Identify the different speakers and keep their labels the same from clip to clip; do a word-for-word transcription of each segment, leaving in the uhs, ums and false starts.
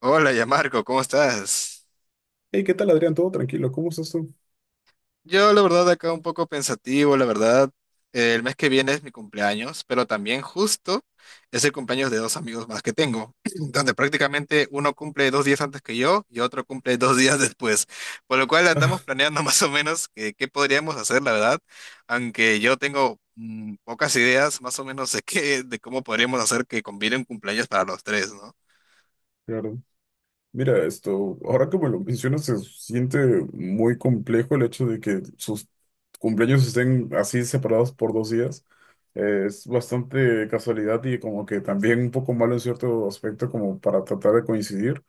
Speaker 1: Hola, ya Marco, ¿cómo estás?
Speaker 2: Hey, ¿qué tal, Adrián? ¿Todo tranquilo? ¿Cómo estás tú?
Speaker 1: Yo, la verdad, acá un poco pensativo, la verdad. Eh, el mes que viene es mi cumpleaños, pero también justo es el cumpleaños de dos amigos más que tengo, donde prácticamente uno cumple dos días antes que yo y otro cumple dos días después, por lo cual andamos
Speaker 2: Ah,
Speaker 1: planeando más o menos que- qué podríamos hacer, la verdad, aunque yo tengo mm, pocas ideas más o menos de qué, de cómo podríamos hacer que conviene un cumpleaños para los tres, ¿no?
Speaker 2: claro. Mira, esto, ahora que me lo mencionas, se siente muy complejo el hecho de que sus cumpleaños estén así separados por dos días. Eh, es bastante casualidad y como que también un poco malo en cierto aspecto como para tratar de coincidir.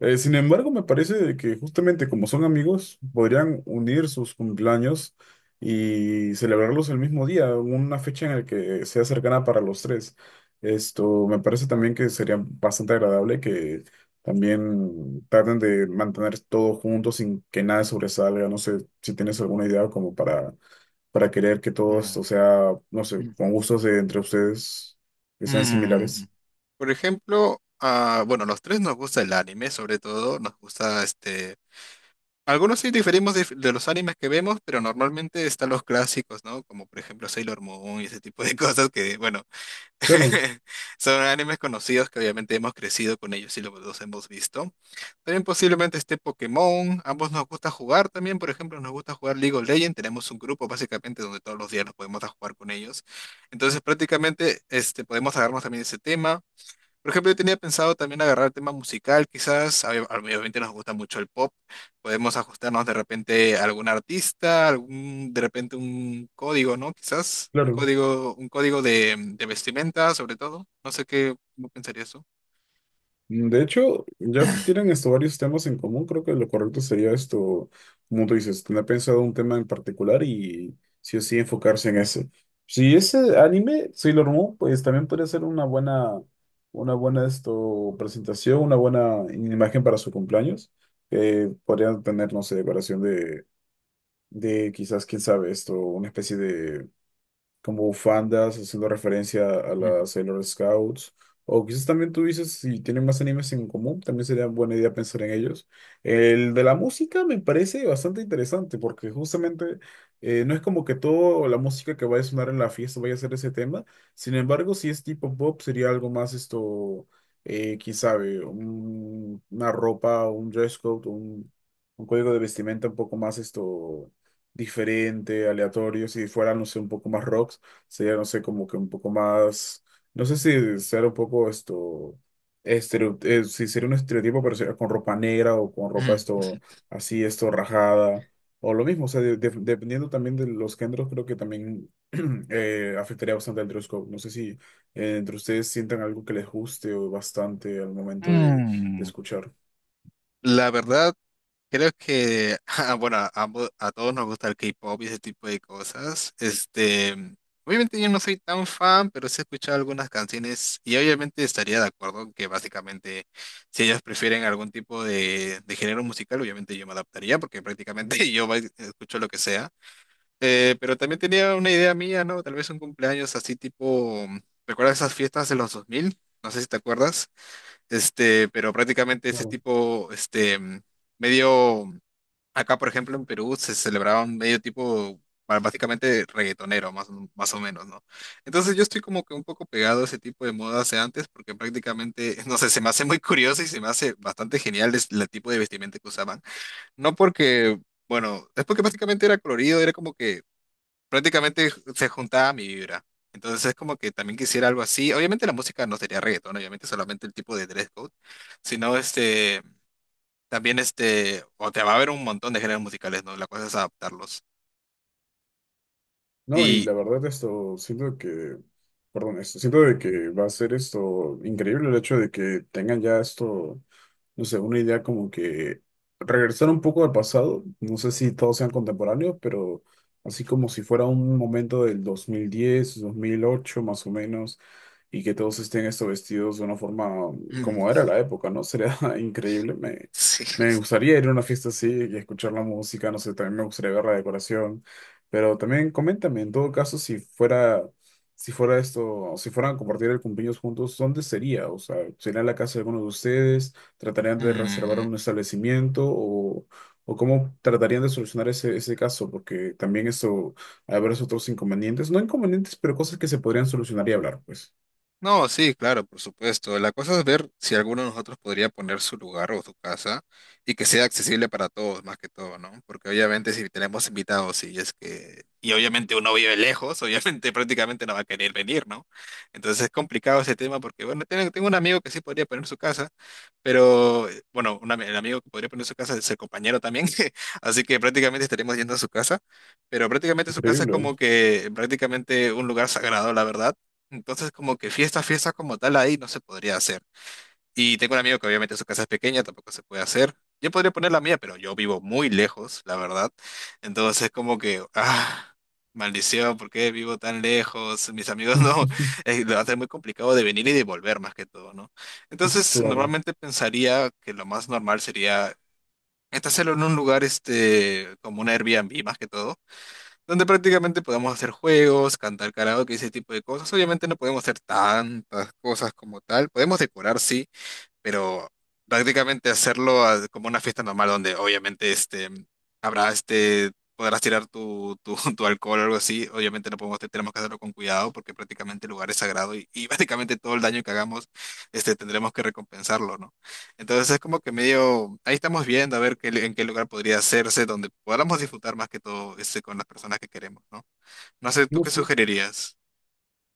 Speaker 2: Eh, sin embargo, me parece de que justamente como son amigos, podrían unir sus cumpleaños y celebrarlos el mismo día, una fecha en la que sea cercana para los tres. Esto me parece también que sería bastante agradable que también traten de mantener todo junto sin que nada sobresalga. No sé si tienes alguna idea como para, para querer que todo esto sea, no sé,
Speaker 1: Mm.
Speaker 2: con gustos de entre ustedes que sean
Speaker 1: Mm,
Speaker 2: similares.
Speaker 1: Por ejemplo, ah, bueno, los tres nos gusta el anime, sobre todo, nos gusta este. Algunos sí diferimos de, de los animes que vemos, pero normalmente están los clásicos, ¿no? Como por ejemplo Sailor Moon y ese tipo de cosas que, bueno,
Speaker 2: Claro,
Speaker 1: son animes conocidos que obviamente hemos crecido con ellos y lo- los hemos visto. También posiblemente esté Pokémon. Ambos nos gusta jugar también. Por ejemplo, nos gusta jugar League of Legends. Tenemos un grupo básicamente donde todos los días nos podemos a jugar con ellos. Entonces prácticamente este, podemos agarrarnos también ese tema. Por ejemplo, yo tenía pensado también agarrar el tema musical, quizás, ob- obviamente nos gusta mucho el pop, podemos ajustarnos de repente a algún artista, algún, de repente un código, ¿no? Quizás, un
Speaker 2: claro.
Speaker 1: código, un código de, de vestimenta, sobre todo. No sé qué, cómo pensarías tú.
Speaker 2: De hecho, ya si tienen esto varios temas en común, creo que lo correcto sería esto, como tú dices, tener pensado un tema en particular y sí o sí enfocarse en ese. Si ese anime, Sailor Moon, pues también puede ser una buena, una buena esto, presentación, una buena imagen para su cumpleaños, que podrían tener, no sé, decoración de, de quizás, quién sabe, esto, una especie de como bufandas, haciendo referencia a las Sailor Scouts. O quizás también tú dices, si tienen más animes en común, también sería buena idea pensar en ellos. El de la música me parece bastante interesante, porque justamente eh, no es como que toda la música que vaya a sonar en la fiesta vaya a ser ese tema. Sin embargo, si es tipo pop, sería algo más esto, eh, quién sabe, un- una ropa, un dress code, un, un código de vestimenta un poco más esto diferente, aleatorio. Si fuera, no sé, un poco más rocks, sería, no sé, como que un poco más, no sé si ser un poco esto, estereo, eh, si sería un estereotipo, pero sería con ropa negra o con ropa esto, así, esto, rajada, o lo mismo, o sea, de- de- dependiendo también de los géneros, creo que también eh, afectaría bastante el dress code. No sé si eh, entre ustedes sientan algo que les guste o bastante al momento de, de
Speaker 1: Mm,
Speaker 2: escuchar.
Speaker 1: La verdad, creo que, ah, bueno, a, ambos- a todos nos gusta el K-pop y ese tipo de cosas. Este, obviamente yo no soy tan fan, pero sí he escuchado algunas canciones y obviamente estaría de acuerdo en que básicamente si ellas prefieren algún tipo de, de género musical, obviamente yo me adaptaría porque prácticamente yo ba- escucho lo que sea. Eh, pero también tenía una idea mía, ¿no? Tal vez un cumpleaños así tipo, ¿recuerdas esas fiestas de los dos mil? No sé si te acuerdas. Este, pero prácticamente ese tipo, este, medio... Acá, por ejemplo, en Perú se celebraba un medio tipo, ba- básicamente reggaetonero, más, o- más o menos, ¿no? Entonces yo estoy como que un poco pegado a ese tipo de modas de antes, porque prácticamente, no sé, se me hace muy curioso y se me hace bastante genial es- el tipo de vestimenta que usaban. No porque, bueno, es porque prácticamente era colorido, era como que prácticamente se juntaba a mi vibra. Entonces es como que también quisiera algo así. Obviamente la música no sería reggaeton, obviamente solamente el tipo de dress code, sino este también este, o te va a haber un montón de géneros musicales, ¿no? La cosa es adaptarlos.
Speaker 2: No, y
Speaker 1: Y
Speaker 2: la verdad esto, siento que, perdón, esto, siento de que va a ser esto increíble el hecho de que tengan ya esto, no sé, una idea como que regresar un poco al pasado, no sé si todos sean contemporáneos, pero así como si fuera un momento del dos dos mil diez dos mil ocho más o menos, y que todos estén esto vestidos de una forma como
Speaker 1: mm,
Speaker 2: era la época, ¿no? Sería increíble, me,
Speaker 1: sí.
Speaker 2: me gustaría ir a una fiesta así y escuchar la música, no sé, también me gustaría ver la decoración. Pero también coméntame, en todo caso, si fuera, si fuera esto, si fueran a compartir el cumpleaños juntos, ¿dónde sería? O sea, ¿sería en la casa de alguno de ustedes? ¿Tratarían de reservar
Speaker 1: mm,
Speaker 2: un establecimiento? ¿O, o cómo tratarían de solucionar ese, ese caso? Porque también eso, habrá esos otros inconvenientes, no inconvenientes, pero cosas que se podrían solucionar y hablar, pues.
Speaker 1: No, sí, claro, por supuesto. La cosa es ver si alguno de nosotros podría poner su lugar o su casa y que sea accesible para todos, más que todo, ¿no? Porque obviamente si tenemos invitados y es que... Y obviamente uno vive lejos, obviamente prácticamente no va a querer venir, ¿no? Entonces es complicado ese tema porque, bueno, tengo, tengo un amigo que sí podría poner su casa, pero, eh, bueno, un ami- el amigo que podría poner su casa es el compañero también, así que prácticamente estaremos yendo a su casa, pero prácticamente su casa es
Speaker 2: Increíble.
Speaker 1: como que prácticamente un lugar sagrado, la verdad. Entonces, como que fiesta, fiesta como tal ahí no se podría hacer. Y tengo un amigo que obviamente su casa es pequeña, tampoco se puede hacer. Yo podría poner la mía, pero yo vivo muy lejos, la verdad. Entonces, como que, ah, maldición, ¿por qué vivo tan lejos? Mis amigos no, eh, lo hace muy complicado de venir y de volver más que todo, ¿no? Entonces,
Speaker 2: Claro.
Speaker 1: normalmente pensaría que lo más normal sería este, hacerlo en un lugar, este, como un Airbnb más que todo donde prácticamente podemos hacer juegos, cantar karaoke, ese tipo de cosas. Obviamente no podemos hacer tantas cosas como tal. Podemos decorar, sí, pero prácticamente hacerlo a- como una fiesta normal donde obviamente este, habrá este, podrás tirar tu, tu, tu alcohol o algo así, obviamente no podemos, tenemos que hacerlo con cuidado porque prácticamente el lugar es sagrado y, y prácticamente todo el daño que hagamos este, tendremos que recompensarlo, ¿no? Entonces es como que medio, ahí estamos viendo a ver qué, en qué lugar podría hacerse donde podamos disfrutar más que todo este, con las personas que queremos, ¿no? No sé, ¿tú
Speaker 2: No,
Speaker 1: qué
Speaker 2: sí.
Speaker 1: sugerirías?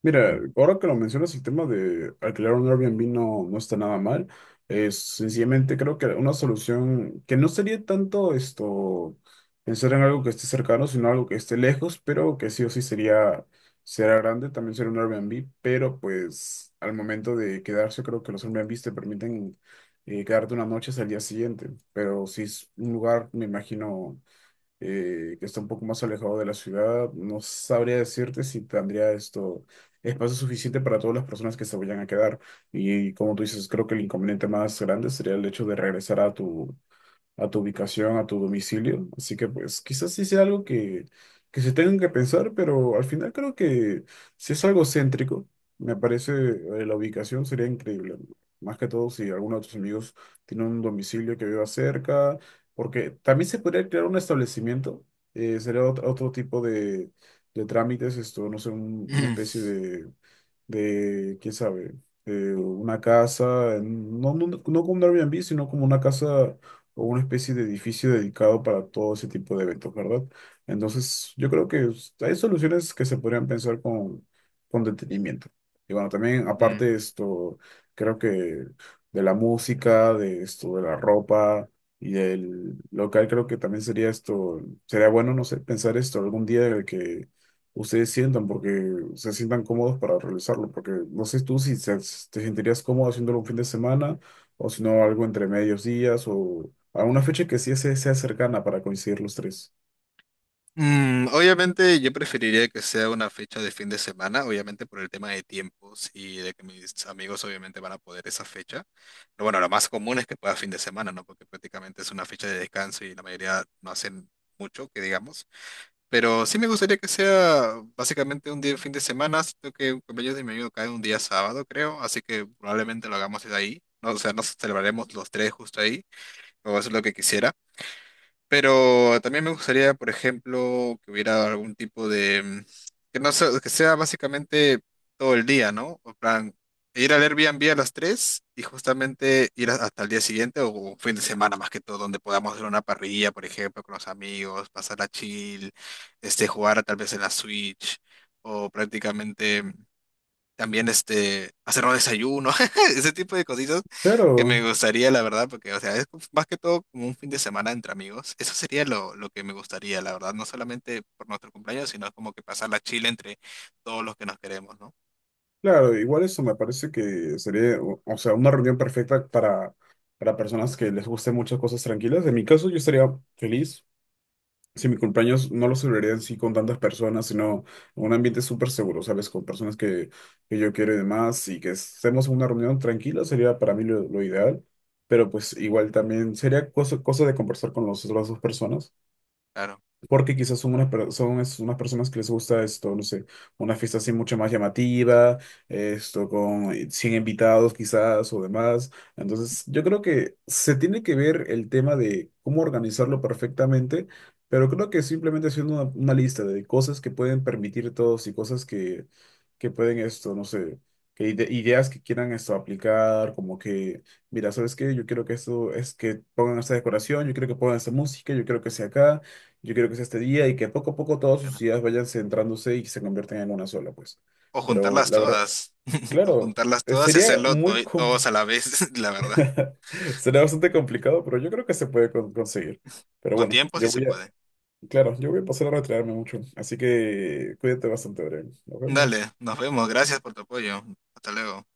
Speaker 2: Mira, ahora que lo mencionas, el tema de alquilar un Airbnb no, no está nada mal. Es sencillamente creo que una solución que no sería tanto esto pensar en algo que esté cercano, sino algo que esté lejos, pero que sí o sí sería, será grande, también sería un Airbnb, pero pues al momento de quedarse, creo que los Airbnb te permiten eh, quedarte una noche hasta el día siguiente. Pero si es un lugar, me imagino eh, que está un poco más alejado de la ciudad. No sabría decirte si tendría esto espacio suficiente para todas las personas que se vayan a quedar. Y, como tú dices, creo que el inconveniente más grande sería el hecho de regresar a tu, a tu ubicación, a tu domicilio. Así que pues quizás sí sea algo que, que se tengan que pensar, pero al final creo que si es algo céntrico, me parece eh, la ubicación sería increíble. ¿No? Más que todo si alguno de tus amigos tiene un domicilio que viva cerca, porque también se podría crear un establecimiento, eh, sería otro, otro tipo de, de trámites, esto, no sé, un- una especie de de, quién sabe, eh, una casa, no, no, no como un Airbnb, sino como una casa o una especie de edificio dedicado para todo ese tipo de eventos, ¿verdad? Entonces, yo creo que s- hay soluciones que se podrían pensar con, con detenimiento. Y bueno, también
Speaker 1: Mm.
Speaker 2: aparte de esto, creo que de la música, de esto, de la ropa y del local, creo que también sería esto, sería bueno, no sé, pensar esto algún día de que ustedes sientan, porque se sientan cómodos para realizarlo, porque no sé tú si se- si te sentirías cómodo haciéndolo un fin de semana o si no algo entre medios días o a una fecha que sí se- sea cercana para coincidir los tres.
Speaker 1: Mm, obviamente yo preferiría que sea una fecha de fin de semana, obviamente por el tema de tiempos y de que mis amigos obviamente van a poder esa fecha. Pero bueno, lo más común es que pueda fin de semana, ¿no? Porque prácticamente es una fecha de descanso y la mayoría no hacen mucho, que digamos. Pero sí me gustaría que sea básicamente un día de fin de semana, siento que el cumpleaños de mi amigo cae un día sábado, creo, así que probablemente lo hagamos desde ahí, ¿no? O sea, nos celebraremos los tres justo ahí, o eso es lo que quisiera. Pero también me gustaría, por ejemplo, que hubiera algún tipo de, mm, que no sea, que sea básicamente todo el día, ¿no? O plan, ir al Airbnb a las tres y justamente ir a- hasta el día siguiente o un fin de semana más que todo, donde podamos hacer una parrilla, por ejemplo, con los amigos, pasar a chill, este, jugar tal vez en la Switch o prácticamente mm, también este, hacer un desayuno, ese tipo de cositas que me
Speaker 2: Claro,
Speaker 1: gustaría, la verdad, porque, o sea, es más que todo como un fin de semana entre amigos. Eso sería lo, lo que me gustaría, la verdad, no solamente por nuestro cumpleaños, sino como que pasar la chile entre todos los que nos queremos, ¿no?
Speaker 2: claro, igual eso me parece que sería, o, o sea, una reunión perfecta para, para personas que les gusten muchas cosas tranquilas. En mi caso yo estaría feliz. Si mi cumpleaños no lo celebraría así con tantas personas, sino en un ambiente súper seguro, ¿sabes? Con personas que, que yo quiero y demás, y que estemos en una reunión tranquila, sería para mí lo, lo ideal, pero pues igual también sería cosa, cosa de conversar con las otras dos personas.
Speaker 1: Claro,
Speaker 2: Porque quizás son unas, per- son es- unas personas que les gusta esto, no sé, una fiesta así mucho más llamativa, esto con eh, cien invitados quizás o demás. Entonces, yo creo que se tiene que ver el tema de cómo organizarlo perfectamente, pero creo que simplemente haciendo una, una lista de cosas que pueden permitir todos y cosas que, que pueden esto, no sé, que ide- ideas que quieran esto aplicar, como que... Mira, ¿sabes qué? Yo quiero que esto es que pongan esta decoración, yo quiero que pongan esta música, yo quiero que sea acá. Yo quiero que sea este día y que poco a poco todas sus
Speaker 1: claro.
Speaker 2: ideas vayan centrándose y se conviertan en una sola, pues.
Speaker 1: O
Speaker 2: Pero
Speaker 1: juntarlas
Speaker 2: la verdad,
Speaker 1: todas, o
Speaker 2: claro,
Speaker 1: juntarlas
Speaker 2: eh,
Speaker 1: todas y
Speaker 2: sería
Speaker 1: hacerlo to-
Speaker 2: muy... com-
Speaker 1: todos a la vez, la verdad.
Speaker 2: Sería bastante complicado, pero yo creo que se puede con- conseguir. Pero
Speaker 1: Con
Speaker 2: bueno,
Speaker 1: tiempo sí
Speaker 2: yo
Speaker 1: se
Speaker 2: voy a...
Speaker 1: puede.
Speaker 2: Claro, yo voy a pasar a retirarme mucho. Así que cuídate bastante, Brian. Nos
Speaker 1: Dale,
Speaker 2: vemos.
Speaker 1: nos vemos, gracias por tu apoyo. Hasta luego.